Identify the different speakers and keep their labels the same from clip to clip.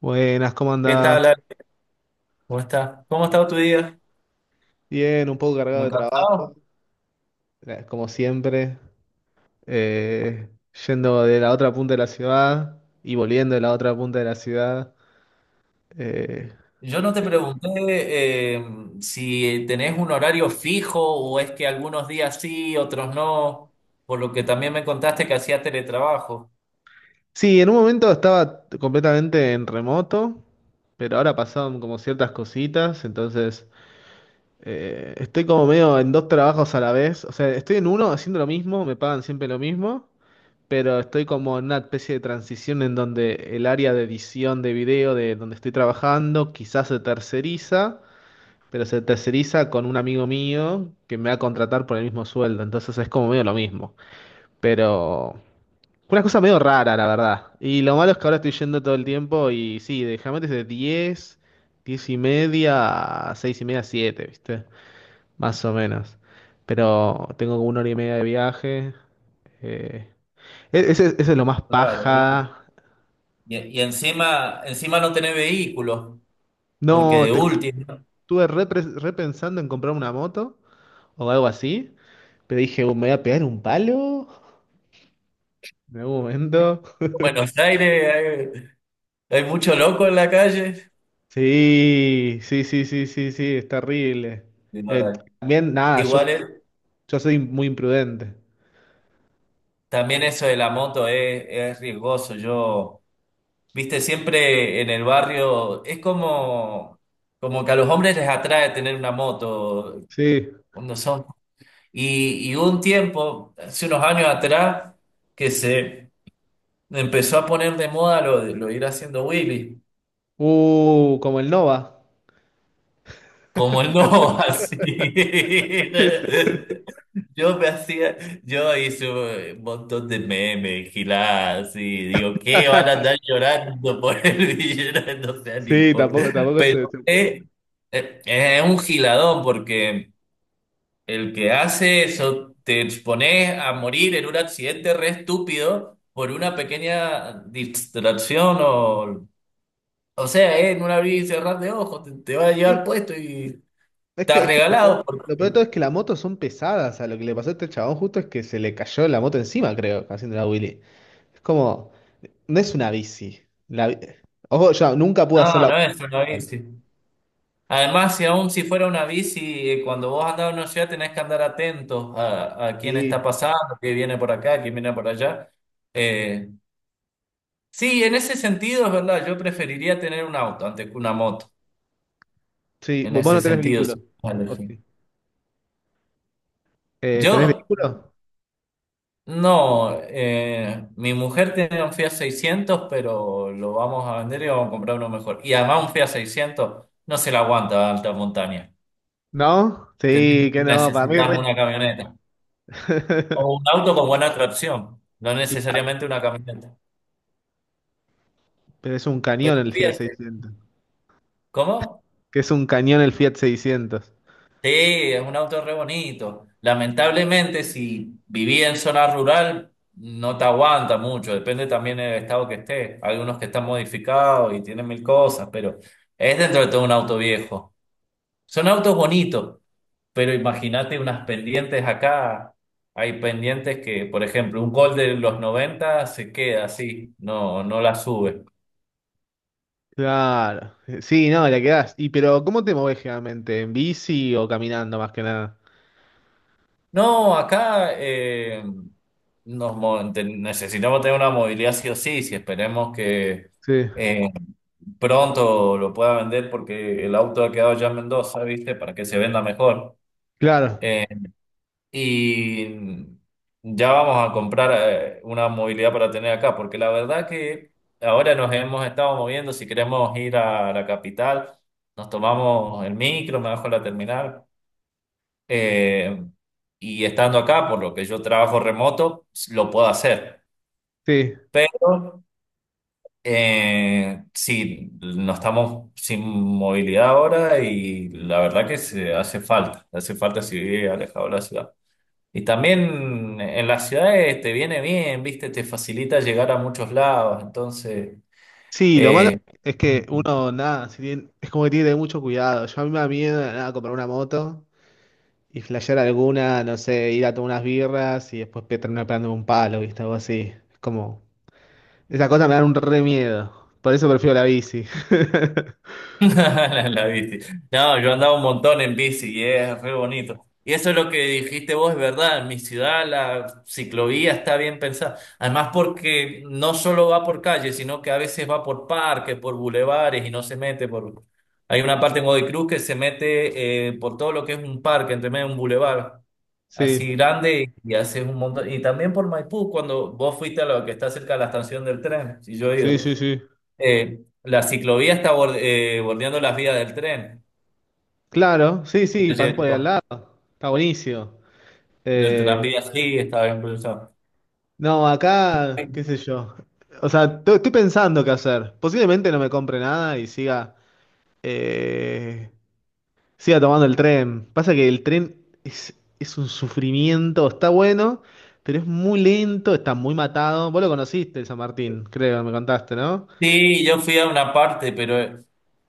Speaker 1: Buenas, ¿cómo
Speaker 2: ¿Qué
Speaker 1: andás?
Speaker 2: tal, Ale? ¿Cómo estás? ¿Cómo ha estado tu día?
Speaker 1: Bien, un poco cargado
Speaker 2: ¿Muy
Speaker 1: de trabajo,
Speaker 2: cansado?
Speaker 1: como siempre, eh, yendo de la otra punta de la ciudad y volviendo de la otra punta de la ciudad. Eh,
Speaker 2: Yo no te pregunté, eh, si tenés un horario fijo o es que algunos días sí, otros no, por lo que también me contaste que hacías teletrabajo.
Speaker 1: sí, en un momento estaba completamente en remoto, pero ahora pasaron como ciertas cositas, entonces estoy como medio en dos trabajos a la vez, o sea, estoy en uno haciendo lo mismo, me pagan siempre lo mismo. Pero estoy como en una especie de transición en donde el área de edición de video de donde estoy trabajando quizás se terceriza, pero se terceriza con un amigo mío que me va a contratar por el mismo sueldo, entonces es como medio lo mismo, pero una cosa medio rara, la verdad. Y lo malo es que ahora estoy yendo todo el tiempo y sí, déjame desde 10 10:30 a 6 y media, 7, ¿viste? Más o menos. Pero tengo como una hora y media de viaje. eh, ese es lo más
Speaker 2: Claro, ¿viste?
Speaker 1: paja.
Speaker 2: Y encima, encima no tenés vehículo, porque
Speaker 1: No,
Speaker 2: de último, en
Speaker 1: estuve repensando en comprar una moto o algo así, pero dije: "Me voy a pegar un palo en algún momento."
Speaker 2: Buenos Aires hay, hay mucho loco en la calle.
Speaker 1: Sí, sí, sí, sí, sí, sí, es terrible. Eh, también, nada, yo,
Speaker 2: Igual,
Speaker 1: yo soy muy imprudente.
Speaker 2: también eso de la moto es riesgoso. Yo. Viste, siempre en el barrio es como, como que a los hombres les atrae tener una moto
Speaker 1: Sí.
Speaker 2: cuando son. Y hubo un tiempo, hace unos años atrás, que se empezó a poner de moda lo de ir haciendo Willy,
Speaker 1: Como el Nova.
Speaker 2: como el no, así. Yo me hacía, yo hice un montón de memes, giladas, y digo, ¿qué? Van a andar llorando por el villano, no sean
Speaker 1: Sí, tampoco,
Speaker 2: hipócritas.
Speaker 1: tampoco
Speaker 2: Pero
Speaker 1: se... se-
Speaker 2: es un giladón, porque el que hace eso, te expones a morir en un accidente re estúpido por una pequeña distracción o sea, en un abrir y cerrar de ojos, te va a llevar
Speaker 1: Sí,
Speaker 2: puesto y
Speaker 1: es que,
Speaker 2: estás
Speaker 1: es que
Speaker 2: regalado.
Speaker 1: lo peor de todo es que las motos son pesadas. O sea, lo que le pasó a este chabón justo es que se le cayó la moto encima, creo, haciendo la Willy. Es como... No es una bici. La bi- Ojo, yo nunca pude hacer
Speaker 2: No,
Speaker 1: la
Speaker 2: no es una
Speaker 1: bici tampoco.
Speaker 2: bici. Además, si aún si fuera una bici, cuando vos andás en una ciudad tenés que andar atentos a quién está
Speaker 1: Sí,
Speaker 2: pasando, quién viene por acá, quién viene por allá. Eh, sí, en ese sentido es verdad, yo preferiría tener un auto antes que una moto,
Speaker 1: sí.
Speaker 2: en
Speaker 1: Vos
Speaker 2: ese
Speaker 1: no tenés
Speaker 2: sentido.
Speaker 1: vehículo.
Speaker 2: Si me
Speaker 1: ¿O
Speaker 2: elegí.
Speaker 1: sí? ¿Tenés
Speaker 2: Yo,
Speaker 1: vehículo?
Speaker 2: no, mi mujer tiene un Fiat 600, pero lo vamos a vender y vamos a comprar uno mejor. Y además un Fiat 600 no se la aguanta a alta montaña.
Speaker 1: ¿No? Sí, que no, para mí
Speaker 2: Necesitamos
Speaker 1: re-
Speaker 2: una camioneta. O un auto con buena tracción, no
Speaker 1: Claro,
Speaker 2: necesariamente una camioneta.
Speaker 1: pero es un cañón
Speaker 2: Pero
Speaker 1: el Fiat
Speaker 2: fíjate,
Speaker 1: 600.
Speaker 2: ¿cómo?
Speaker 1: Que es un cañón el Fiat 600.
Speaker 2: Sí, es un auto re bonito. Lamentablemente, si viví en zona rural, no te aguanta mucho. Depende también del estado que estés. Hay unos que están modificados y tienen mil cosas, pero es dentro de todo un auto viejo. Son autos bonitos, pero imagínate unas pendientes acá. Hay pendientes que, por ejemplo, un gol de los 90 se queda así, no, no la sube.
Speaker 1: Claro. Sí, no, la quedás. Y pero ¿cómo te movés generalmente? ¿En bici o caminando más que nada?
Speaker 2: No, acá necesitamos tener una movilidad sí o sí, si esperemos que
Speaker 1: Sí,
Speaker 2: eh, pronto lo pueda vender porque el auto ha quedado ya en Mendoza, ¿viste? Para que se venda mejor.
Speaker 1: claro.
Speaker 2: Eh, y ya vamos a comprar, una movilidad para tener acá, porque la verdad que ahora nos hemos estado moviendo, si queremos ir a la capital, nos tomamos el micro, me bajo a la terminal, eh, y estando acá, por lo que yo trabajo remoto, lo puedo hacer.
Speaker 1: Sí.
Speaker 2: Pero sí, no estamos sin movilidad ahora y la verdad que se hace falta si vive alejado de la ciudad. Y también en las ciudades te viene bien, viste, te facilita llegar a muchos lados, entonces
Speaker 1: Sí, lo malo
Speaker 2: eh,
Speaker 1: es que uno, nada, si tiene- es como que tiene que tener mucho cuidado. Yo a mí me da miedo, nada, comprar una moto y flashear alguna, no sé, ir a tomar unas birras y después terminar pegándome un palo, ¿viste? Algo así. Es como, esa cosa me da un re miedo. Por eso prefiero la bici.
Speaker 2: la viste. No, yo andaba un montón en bici y es re bonito. Y eso es lo que dijiste vos, es verdad. En mi ciudad la ciclovía está bien pensada. Además, porque no solo va por calles, sino que a veces va por parques, por bulevares y no se mete por. Hay una parte en Godoy Cruz que se mete, por todo lo que es un parque, entre medio de un bulevar
Speaker 1: Sí,
Speaker 2: así grande y haces un montón. Y también por Maipú, cuando vos fuiste a lo que está cerca de la estación del tren, si yo he
Speaker 1: sí,
Speaker 2: ido.
Speaker 1: sí, sí.
Speaker 2: La ciclovía está bordeando las vías del tren.
Speaker 1: Claro, sí, sí, pasás por
Speaker 2: Entonces,
Speaker 1: ahí al
Speaker 2: no,
Speaker 1: lado. Está buenísimo.
Speaker 2: del
Speaker 1: Eh,
Speaker 2: tranvía sí, estaba incluso.
Speaker 1: no, acá, qué sé yo. O sea, estoy pensando qué hacer. Posiblemente no me compre nada y eh, Siga tomando el tren. Pasa que el tren es un sufrimiento, está bueno, pero es muy lento, está muy matado. Vos lo conociste, el San Martín, creo, me contaste, ¿no?
Speaker 2: Sí, yo fui a una parte, pero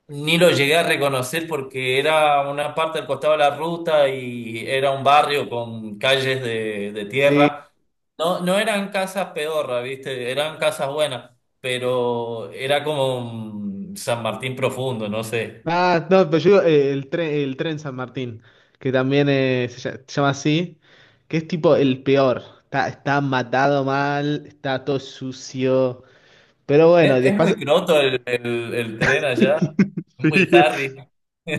Speaker 2: ni lo llegué a reconocer porque era una parte al costado de la ruta y era un barrio con calles de
Speaker 1: Sí.
Speaker 2: tierra. No, no eran casas pedorras, ¿viste? Eran casas buenas, pero era como un San Martín profundo, no sé.
Speaker 1: Ah, no, pero yo digo, el tren San Martín, que también se llama así, que es tipo el peor. Está matado mal, está todo sucio. Pero bueno,
Speaker 2: Es
Speaker 1: después...
Speaker 2: muy croto el tren allá,
Speaker 1: Sí,
Speaker 2: muy Harry.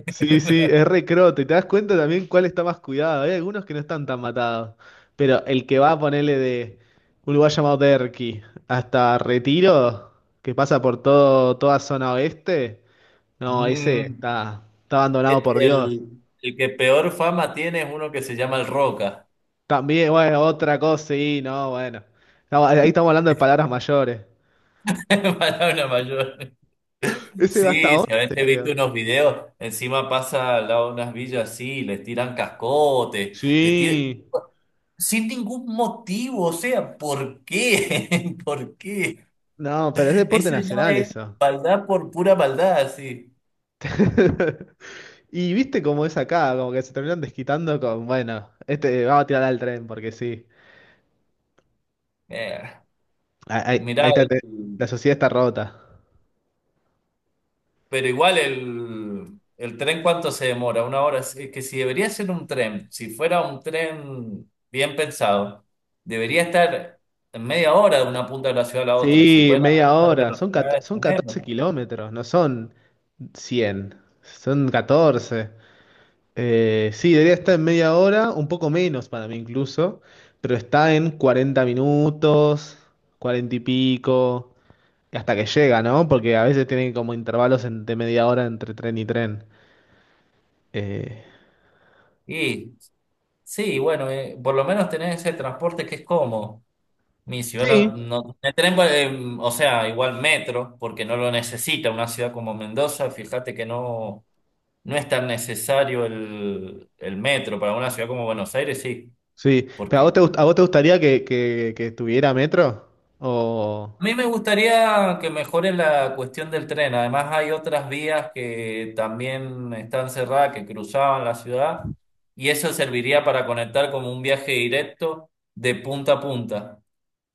Speaker 1: sí, sí, es re crote. Te das cuenta también cuál está más cuidado. Hay algunos que no están tan matados. Pero el que va a ponerle de un lugar llamado Derqui hasta Retiro, que pasa por todo, toda zona oeste, no, ese
Speaker 2: Mm,
Speaker 1: está
Speaker 2: el,
Speaker 1: abandonado por Dios.
Speaker 2: el que peor fama tiene es uno que se llama el Roca.
Speaker 1: También, bueno, otra cosa, sí, no, bueno. Ahí estamos hablando de palabras mayores.
Speaker 2: Palabra mayor.
Speaker 1: Ese va hasta
Speaker 2: Sí,
Speaker 1: 11,
Speaker 2: si a veces he visto
Speaker 1: creo.
Speaker 2: unos videos, encima pasa al lado de unas villas así, les tiran cascotes, les tiran...
Speaker 1: Sí.
Speaker 2: Sin ningún motivo, o sea, ¿por qué? ¿Por qué?
Speaker 1: No, pero es deporte
Speaker 2: Eso ya
Speaker 1: nacional
Speaker 2: es
Speaker 1: eso.
Speaker 2: maldad por pura maldad, sí.
Speaker 1: Y viste cómo es acá, como que se terminan desquitando con, bueno, este vamos a tirar al tren, porque sí.
Speaker 2: Eh,
Speaker 1: Ahí
Speaker 2: mirá,
Speaker 1: está, la sociedad está rota.
Speaker 2: pero igual el tren, ¿cuánto se demora? Una hora. Es que si debería ser un tren, si fuera un tren bien pensado, debería estar en media hora de una punta de la ciudad a la otra. Si
Speaker 1: Sí,
Speaker 2: pueden
Speaker 1: media
Speaker 2: alcanzar
Speaker 1: hora. Son, cato-
Speaker 2: velocidades,
Speaker 1: son
Speaker 2: tenemos.
Speaker 1: 14 kilómetros, no son 100, son 14. Sí, debería estar en media hora, un poco menos para mí incluso, pero está en 40 minutos, 40 y pico, hasta que llega, ¿no? Porque a veces tienen como intervalos de media hora entre tren y tren. Eh,
Speaker 2: Y sí, bueno, por lo menos tener ese transporte que es cómodo. Mi ciudad
Speaker 1: sí.
Speaker 2: no, no tiene tren, pues, o sea, igual metro, porque no lo necesita una ciudad como Mendoza. Fíjate que no, no es tan necesario el metro. Para una ciudad como Buenos Aires, sí.
Speaker 1: Sí, pero ¿a
Speaker 2: Porque
Speaker 1: vos te, gust- a vos te gustaría que tuviera metro? O...
Speaker 2: a mí me gustaría que mejore la cuestión del tren. Además, hay otras vías que también están cerradas, que cruzaban la ciudad, y eso serviría para conectar como un viaje directo de punta a punta.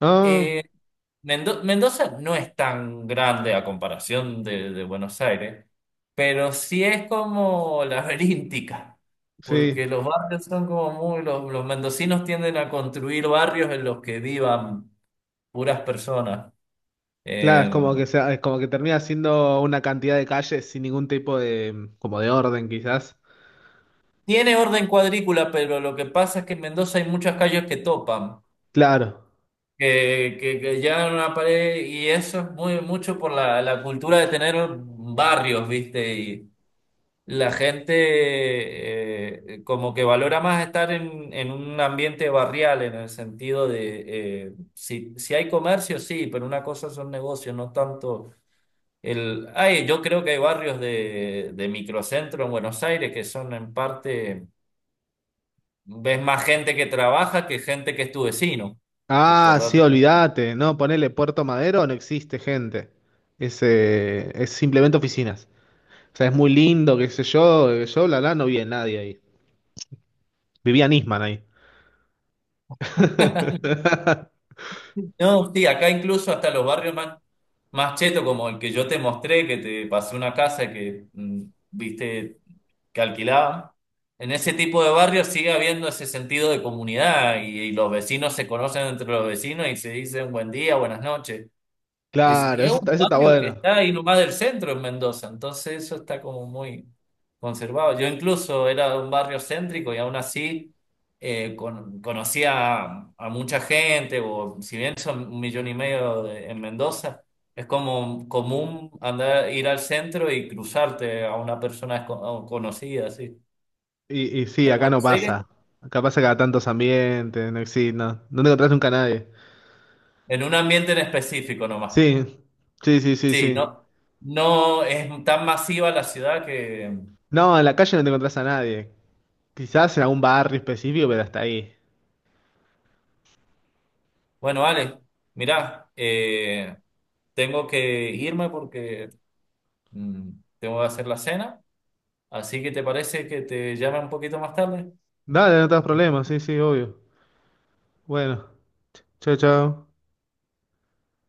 Speaker 1: Ah,
Speaker 2: Eh, Mendoza no es tan grande a comparación de Buenos Aires, pero sí es como laberíntica,
Speaker 1: sí.
Speaker 2: porque los barrios son como muy, los mendocinos tienden a construir barrios en los que vivan puras personas.
Speaker 1: Claro, es
Speaker 2: Eh,
Speaker 1: como que sea, es como que termina siendo una cantidad de calles sin ningún tipo de, como de orden, quizás.
Speaker 2: tiene orden cuadrícula, pero lo que pasa es que en Mendoza hay muchas calles que topan,
Speaker 1: Claro.
Speaker 2: que llegan a una pared y eso es muy mucho por la, la cultura de tener barrios, ¿viste? Y la gente como que valora más estar en un ambiente barrial, en el sentido de, si, si hay comercio, sí, pero una cosa son negocios, no tanto... El, ay, yo creo que hay barrios de microcentro en Buenos Aires que son en parte. Ves más gente que trabaja que gente que es tu vecino. Por, por
Speaker 1: Ah, sí,
Speaker 2: darte-
Speaker 1: olvídate. No, ponele Puerto Madero, no existe gente. Es simplemente oficinas. O sea, es muy lindo, qué sé yo, yo, la, no vi a nadie ahí. Vivía Nisman ahí.
Speaker 2: No, sí, acá incluso hasta los barrios más, más chetos, como el que yo te mostré, que te pasé una casa que mm, viste que alquilaban. En ese tipo de barrios sigue habiendo ese sentido de comunidad y los vecinos se conocen entre los vecinos y se dicen buen día, buenas noches. Es
Speaker 1: Claro,
Speaker 2: que es
Speaker 1: eso está,
Speaker 2: un
Speaker 1: eso está
Speaker 2: barrio que
Speaker 1: bueno.
Speaker 2: está ahí nomás del centro en Mendoza, entonces eso está como muy conservado. Yo incluso era de un barrio céntrico y aún así, conocía a mucha gente, o si bien son un millón y medio en Mendoza, es como común andar, ir al centro y cruzarte a una persona a un conocida, así.
Speaker 1: Y sí,
Speaker 2: En
Speaker 1: acá no
Speaker 2: Buenos Aires,
Speaker 1: pasa. Acá pasa cada tantos ambientes, no existe, no, no te encontrás nunca a nadie.
Speaker 2: en un ambiente en específico nomás.
Speaker 1: Sí, sí, sí, sí,
Speaker 2: Sí,
Speaker 1: sí.
Speaker 2: no, no es tan masiva la ciudad que...
Speaker 1: No, en la calle no te encontrás a nadie. Quizás en algún barrio específico, pero hasta ahí.
Speaker 2: Bueno, Alex, mirá, tengo que irme porque mm, tengo que hacer la cena, así que ¿te parece que te llame un poquito más tarde?
Speaker 1: Dale, no te das problemas, sí, sí, obvio. Bueno, chao, chao.